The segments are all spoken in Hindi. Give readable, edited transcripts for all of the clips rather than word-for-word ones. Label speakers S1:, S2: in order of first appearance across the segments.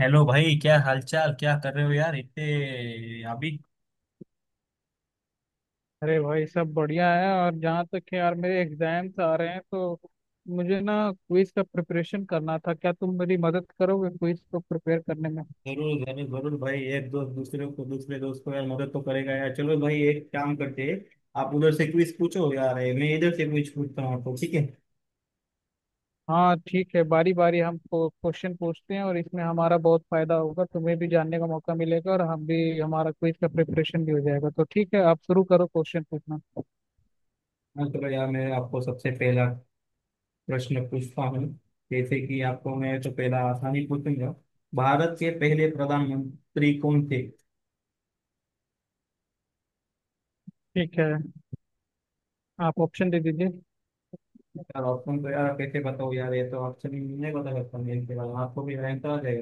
S1: हेलो भाई, क्या हालचाल? क्या कर रहे हो यार इतने अभी।
S2: अरे भाई, सब बढ़िया है। और जहाँ तक है यार, मेरे एग्जाम्स आ रहे हैं, तो मुझे ना क्विज का प्रिपरेशन करना था। क्या तुम मेरी मदद करोगे क्विज को प्रिपेयर करने में?
S1: जरूर जरूर जरूर भाई, एक दोस्त दूसरे दोस्त को यार मदद तो करेगा यार। चलो भाई, एक काम करते हैं। आप उधर से क्विज पूछो यार, ये मैं इधर से क्विज पूछता हूँ आपको, ठीक है?
S2: हाँ ठीक है। बारी बारी हम क्वेश्चन पूछते हैं और इसमें हमारा बहुत फायदा होगा। तुम्हें भी जानने का मौका मिलेगा और हम भी हमारा क्विज का प्रिपरेशन भी हो जाएगा। तो ठीक है, आप शुरू करो क्वेश्चन पूछना।
S1: हाँ चलो यार, मैं आपको सबसे पहला प्रश्न पूछता हूँ। जैसे कि आपको मैं तो पहला आसानी पूछूंगा। भारत के पहले प्रधानमंत्री कौन थे?
S2: ठीक है, आप ऑप्शन दे दीजिए।
S1: यार ऑप्शन तो यार कैसे बताओ यार, ये तो ऑप्शन नहीं बता सकता मैं, इसके बारे में आपको भी रहता है।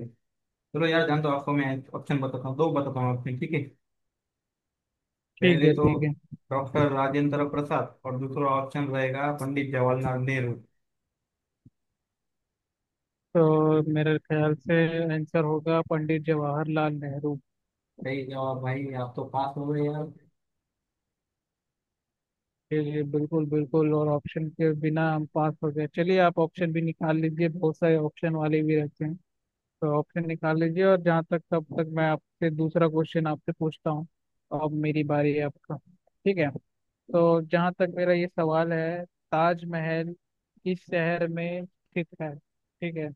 S1: चलो यार जान तो, आपको मैं ऑप्शन बताता हूँ, दो बताता हूँ ऑप्शन, ठीक है?
S2: ठीक
S1: पहले
S2: है
S1: तो
S2: ठीक है।
S1: डॉक्टर राजेंद्र प्रसाद, और दूसरा ऑप्शन रहेगा पंडित जवाहरलाल नेहरू।
S2: तो मेरे ख्याल से आंसर होगा पंडित जवाहरलाल नेहरू।
S1: सही जवाब भाई, आप तो पास हो गए यार।
S2: जी जी, बिल्कुल बिल्कुल। और ऑप्शन के बिना हम पास हो गए। चलिए आप ऑप्शन भी निकाल लीजिए, बहुत सारे ऑप्शन वाले भी रहते हैं। तो ऑप्शन निकाल लीजिए, और जहाँ तक तब तक मैं आपसे दूसरा क्वेश्चन आपसे पूछता हूँ। अब मेरी बारी है आपका। ठीक है। तो जहाँ तक मेरा ये सवाल है, ताजमहल किस शहर में स्थित है? ठीक है।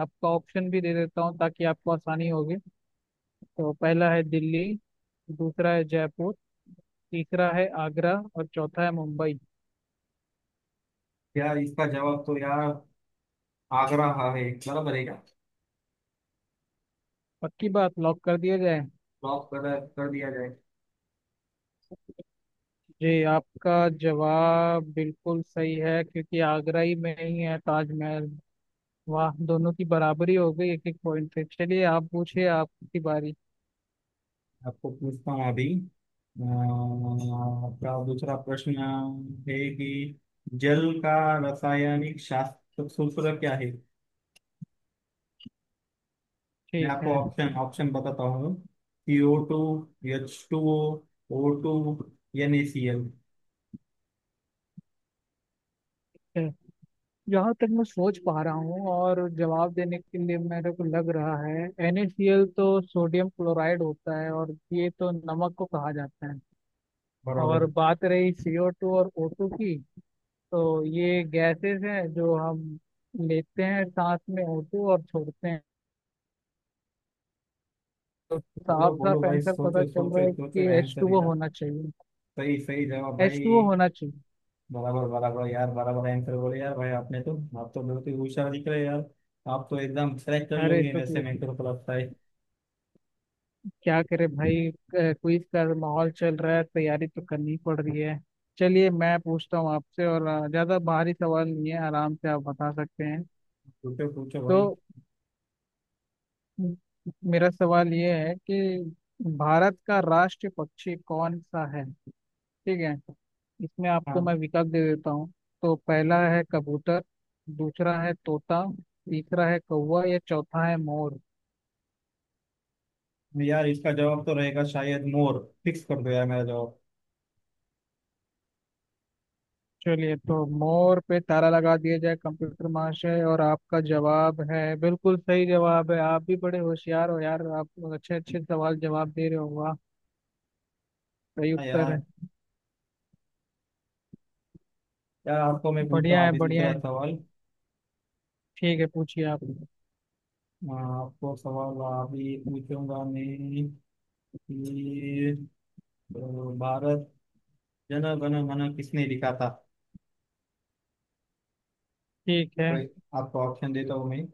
S2: आपका ऑप्शन भी दे देता हूँ ताकि आपको आसानी होगी। तो पहला है दिल्ली, दूसरा है जयपुर, तीसरा है आगरा और चौथा है मुंबई।
S1: यार इसका जवाब तो यार आगरा हा है, बराबर है क्या?
S2: पक्की बात, लॉक कर दिया जाए?
S1: लॉक कर कर दिया जाए।
S2: जी, आपका जवाब बिल्कुल सही है, क्योंकि आगरा ही में ही है ताजमहल। वाह, दोनों की बराबरी हो गई, एक एक पॉइंट पे। चलिए आप पूछिए, आपकी बारी।
S1: आपको पूछता हूँ अभी। आपका दूसरा प्रश्न है कि जल का रासायनिक शास्त्र सूत्र क्या है? मैं
S2: ठीक
S1: आपको
S2: है।
S1: ऑप्शन ऑप्शन बताता हूँ। C O two, H two O, O two, N A C L.
S2: ठीक। जहाँ तक मैं सोच पा रहा हूँ और जवाब देने के लिए मेरे को लग रहा है, NaCl तो सोडियम क्लोराइड होता है और ये तो नमक को कहा जाता है। और
S1: बराबर।
S2: बात रही CO2 और O2 की, तो ये गैसेस हैं जो हम लेते हैं सांस में होते और छोड़ते हैं। तो
S1: बोलो
S2: साफ
S1: बोलो
S2: साफ
S1: भाई,
S2: आंसर पता
S1: सोचो
S2: चल
S1: सोचो
S2: रहा है
S1: सोचो
S2: कि एच
S1: आंसर
S2: टू ओ
S1: यार।
S2: होना चाहिए।
S1: सही सही जवाब
S2: एच
S1: भाई।
S2: टू ओ होना चाहिए।
S1: बराबर बराबर यार, बराबर आंसर बोले यार भाई, आपने तो आप तो बहुत ही होशियार दिख रहे हैं यार। आप तो एकदम क्रैक कर
S2: अरे
S1: लोगे,
S2: तो
S1: वैसे
S2: फिर
S1: मेरे को तो लगता है।
S2: क्या करे भाई, क्विज का माहौल चल रहा है, तैयारी तो करनी पड़ रही है। चलिए मैं पूछता हूँ आपसे और ज्यादा भारी सवाल नहीं है, आराम से आप बता सकते हैं।
S1: पूछो पूछो भाई।
S2: तो म- मेरा सवाल ये है कि भारत का राष्ट्रीय पक्षी कौन सा है? ठीक है। इसमें आपको
S1: हाँ
S2: मैं विकल्प दे देता हूँ। तो पहला है कबूतर, दूसरा है तोता, तीसरा है कौवा या चौथा है मोर।
S1: यार, इसका जवाब तो रहेगा शायद मोर। फिक्स कर दो यार मेरा जवाब।
S2: चलिए तो मोर पे ताला लगा दिया जाए कंप्यूटर महाशय, और आपका जवाब है बिल्कुल सही जवाब है। आप भी बड़े होशियार हो यार, आप अच्छे अच्छे सवाल जवाब दे रहे हो, वाह। सही
S1: हाँ
S2: उत्तर है।
S1: यार। यार आपको मैं पूछता
S2: बढ़िया
S1: हूँ
S2: है
S1: अभी
S2: बढ़िया
S1: दूसरा
S2: है।
S1: सवाल।
S2: ठीक है, पूछिए आप।
S1: आपको सवाल अभी पूछूंगा मैं, कि अ, भारत जन गण मन किसने लिखा था?
S2: ठीक है
S1: तो आपको ऑप्शन देता हूँ मैं।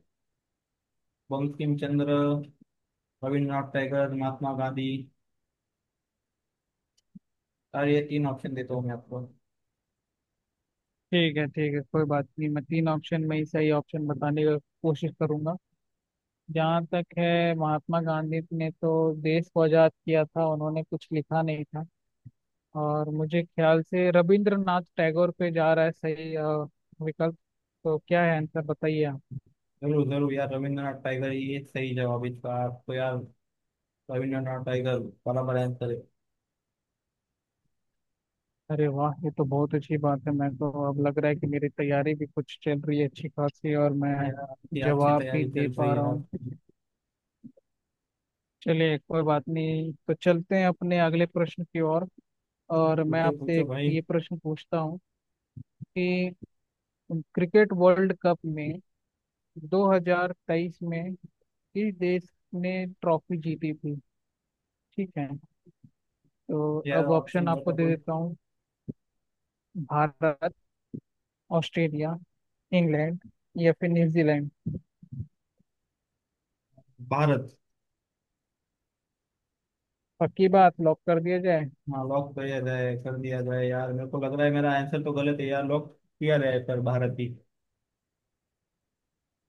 S1: बंकिम चंद्र, रविंद्रनाथ टैगोर, महात्मा गांधी, और ये तीन ऑप्शन देता हूँ मैं आपको।
S2: ठीक है। ठीक है, कोई बात नहीं, मैं तीन ऑप्शन में ही सही ऑप्शन बताने की कोशिश करूंगा। जहाँ तक है, महात्मा गांधी ने तो देश को आजाद किया था, उन्होंने कुछ लिखा नहीं था। और मुझे ख्याल से रविंद्रनाथ टैगोर पे जा रहा है सही विकल्प। तो क्या है आंसर? बताइए आप।
S1: जरूर जरूर यार, रविंद्रनाथ टैगोर ये सही जवाब है इसका, आपको यार। रविंद्रनाथ टैगोर बराबर आंसर है।
S2: अरे वाह, ये तो बहुत अच्छी बात है। मैं तो अब लग रहा है कि मेरी तैयारी भी कुछ चल रही है अच्छी खासी, और
S1: हाँ
S2: मैं
S1: यार, आपकी अच्छी
S2: जवाब भी
S1: तैयारी
S2: दे
S1: चल रही
S2: पा
S1: है
S2: रहा
S1: यार।
S2: हूँ। चलिए कोई बात नहीं, तो चलते हैं अपने अगले प्रश्न की ओर। और मैं
S1: पूछो
S2: आपसे
S1: पूछो
S2: एक
S1: भाई।
S2: ये प्रश्न पूछता हूँ कि क्रिकेट वर्ल्ड कप में 2023 में किस देश ने ट्रॉफी जीती थी? ठीक है। तो
S1: यार
S2: अब
S1: ऑप्शन
S2: ऑप्शन आपको
S1: बता
S2: दे
S1: दो।
S2: देता हूँ। भारत, ऑस्ट्रेलिया, इंग्लैंड, या फिर न्यूजीलैंड।
S1: भारत।
S2: पक्की बात, लॉक कर दिया जाए?
S1: हाँ लॉक किया जाए, कर दिया जाए यार, मेरे को लग रहा है मेरा आंसर तो गलत है यार। लॉक किया जाए, पर भारत भी।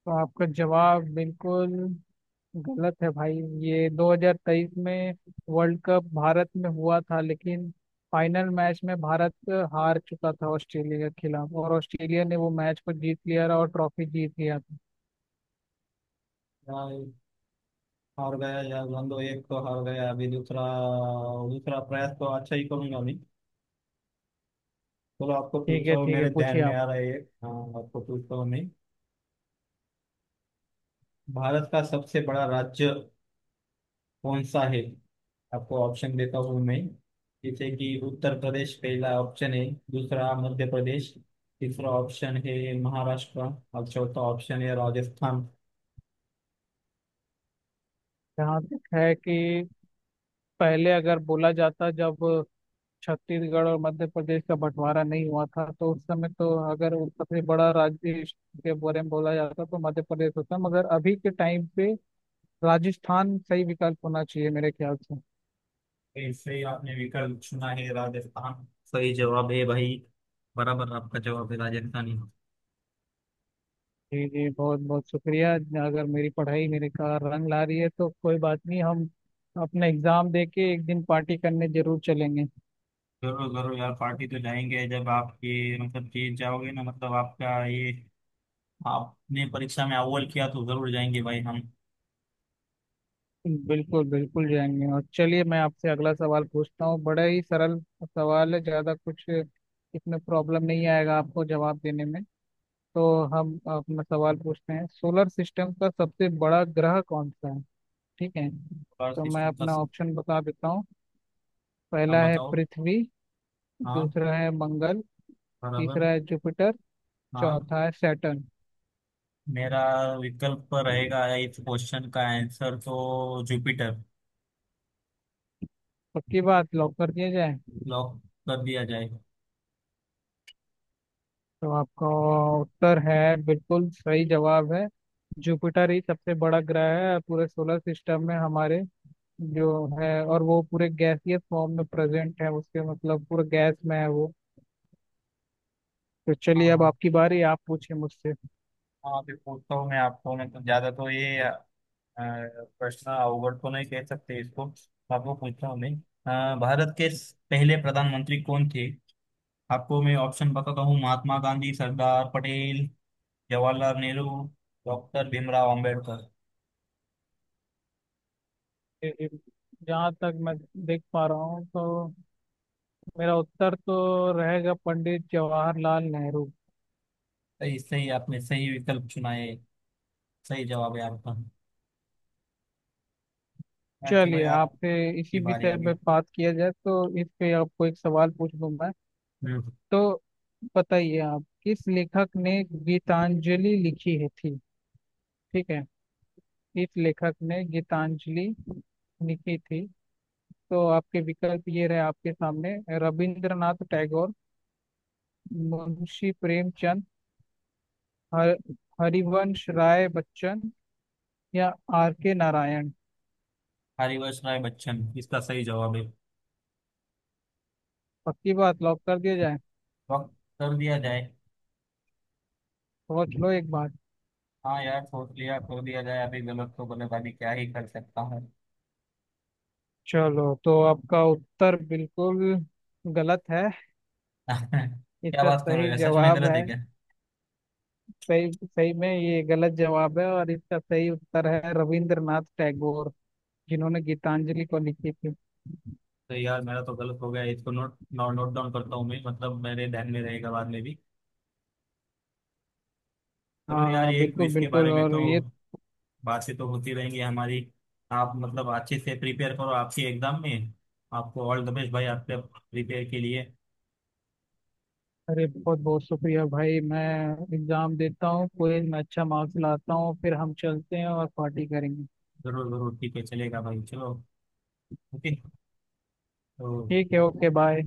S2: तो आपका जवाब बिल्कुल गलत है भाई। ये 2023 में वर्ल्ड कप भारत में हुआ था, लेकिन फाइनल मैच में भारत हार चुका था ऑस्ट्रेलिया के खिलाफ, और ऑस्ट्रेलिया ने वो मैच को जीत लिया और ट्रॉफी जीत लिया था।
S1: यार हार गया यार बंदो, एक तो हार गया अभी, दूसरा। दूसरा प्रयास तो अच्छा ही करूंगा मैं। चलो आपको
S2: ठीक
S1: पूछता
S2: है
S1: हूँ,
S2: ठीक है,
S1: मेरे ध्यान
S2: पूछिए
S1: में
S2: आप।
S1: आ रहा है एक। हाँ। आपको पूछता हूँ मैं, भारत का सबसे बड़ा राज्य कौन सा है? आपको ऑप्शन देता हूँ मैं। जैसे कि उत्तर प्रदेश पहला ऑप्शन है, दूसरा मध्य प्रदेश, तीसरा ऑप्शन है महाराष्ट्र, और चौथा ऑप्शन है राजस्थान।
S2: यहाँ तक है कि पहले अगर बोला जाता, जब छत्तीसगढ़ और मध्य प्रदेश का बंटवारा नहीं हुआ था, तो उस समय तो अगर वो सबसे बड़ा राज्य के बारे में बोला जाता तो मध्य प्रदेश होता। मगर अभी के टाइम पे राजस्थान सही विकल्प होना चाहिए मेरे ख्याल से।
S1: ऐसे ही आपने विकल्प चुना है, राजस्थान सही जवाब है भाई। बराबर आपका जवाब है राजस्थानी।
S2: जी जी, बहुत बहुत शुक्रिया। अगर मेरी पढ़ाई मेरे का रंग ला रही है, तो कोई बात नहीं, हम अपना एग्जाम दे के एक दिन पार्टी करने जरूर चलेंगे।
S1: जरूर जरूर यार, पार्टी तो जाएंगे जब आप ये मतलब जीत जाओगे ना, मतलब आपका ये आपने परीक्षा में अव्वल किया तो जरूर जाएंगे भाई हम।
S2: बिल्कुल बिल्कुल जाएंगे। और चलिए मैं आपसे अगला सवाल पूछता हूँ, बड़ा ही सरल सवाल है, ज़्यादा कुछ इसमें प्रॉब्लम नहीं आएगा आपको जवाब देने में। तो हम अपना सवाल पूछते हैं, सोलर सिस्टम का सबसे बड़ा ग्रह कौन सा है? ठीक है।
S1: बार
S2: तो मैं
S1: सिस्टम का
S2: अपना
S1: सि-
S2: ऑप्शन बता देता हूँ।
S1: आप
S2: पहला है
S1: बताओ।
S2: पृथ्वी,
S1: हाँ।
S2: दूसरा है मंगल,
S1: बराबर।
S2: तीसरा है जुपिटर,
S1: हाँ।
S2: चौथा है सैटर्न।
S1: मेरा विकल्प रहेगा, इस क्वेश्चन का आंसर तो जुपिटर।
S2: पक्की बात, लॉक कर दिया जाए?
S1: लॉक कर दिया जाएगा।
S2: तो आपका उत्तर है बिल्कुल सही जवाब है। जुपिटर ही सबसे बड़ा ग्रह है पूरे सोलर सिस्टम में हमारे जो है, और वो पूरे गैसीय फॉर्म में प्रेजेंट है, उसके मतलब पूरे गैस में है वो। तो
S1: हाँ
S2: चलिए अब
S1: हाँ।
S2: आपकी बारी, आप पूछिए मुझसे।
S1: हाँ, अभी पूछता हूँ मैं आपको, मैं तो ज्यादा तो ये प्रश्न अवगढ़ तो नहीं कह सकते इसको। आपको पूछता हूँ मैं, पहले प्रधानमंत्री कौन थे? आपको मैं ऑप्शन बताता हूँ। महात्मा गांधी, सरदार पटेल, जवाहरलाल नेहरू, डॉक्टर भीमराव अंबेडकर।
S2: ए- ए- जहाँ तक मैं देख पा रहा हूँ, तो मेरा उत्तर तो रहेगा पंडित जवाहरलाल नेहरू।
S1: तो इससे ही आपने सही विकल्प चुना है, सही जवाब है आपका। हाँ, चलो
S2: चलिए
S1: यार,
S2: आपसे
S1: आपकी
S2: इसी
S1: बारी आ
S2: विषय पे
S1: गई।
S2: बात किया जाए, तो इस पे आपको एक सवाल पूछ दूँ।
S1: हम्म।
S2: तो बताइए आप, किस लेखक ने गीतांजलि लिखी है थी? ठीक है। किस लेखक ने गीतांजलि लिखी थी? तो आपके विकल्प ये रहे आपके सामने। रविंद्रनाथ टैगोर, मुंशी प्रेमचंद, हर, हरिवंश राय बच्चन, या आर के नारायण।
S1: हरिवंश राय बच्चन इसका सही जवाब है।
S2: पक्की बात, लॉक कर दिया जाए?
S1: वक्त कर दिया जाए।
S2: सोच लो एक बार।
S1: हाँ यार सोच लिया, कर दिया जाए, अभी गलत तो गलत, अभी क्या ही कर सकता हूँ।
S2: चलो तो आपका उत्तर बिल्कुल गलत है।
S1: क्या
S2: इसका
S1: बात कर रहे हो
S2: सही
S1: यार, सच में
S2: जवाब
S1: गलत
S2: है,
S1: है क्या?
S2: सही सही में ये गलत जवाब है, और इसका सही उत्तर है रविंद्रनाथ टैगोर, जिन्होंने गीतांजलि को लिखी थी।
S1: तो यार मेरा तो गलत हो गया, इसको नोट नोट नोट डाउन करता हूँ मैं, मतलब मेरे ध्यान में रहेगा बाद में भी।
S2: हाँ
S1: सुनो यार,
S2: हाँ,
S1: ये
S2: बिल्कुल
S1: क्विज के
S2: बिल्कुल।
S1: बारे में
S2: और
S1: तो
S2: ये
S1: बातें तो होती रहेंगी हमारी। आप मतलब अच्छे से प्रिपेयर करो आपके एग्जाम में। आपको ऑल द बेस्ट भाई आपके प्रिपेयर के लिए।
S2: अरे बहुत बहुत शुक्रिया भाई। मैं एग्जाम देता हूँ क्विज में, अच्छा मार्क्स लाता हूँ, फिर हम चलते हैं और पार्टी करेंगे।
S1: जरूर जरूर, ठीक है, चलेगा भाई, चलो। ओके।
S2: ठीक है,
S1: तो।
S2: Okay bye.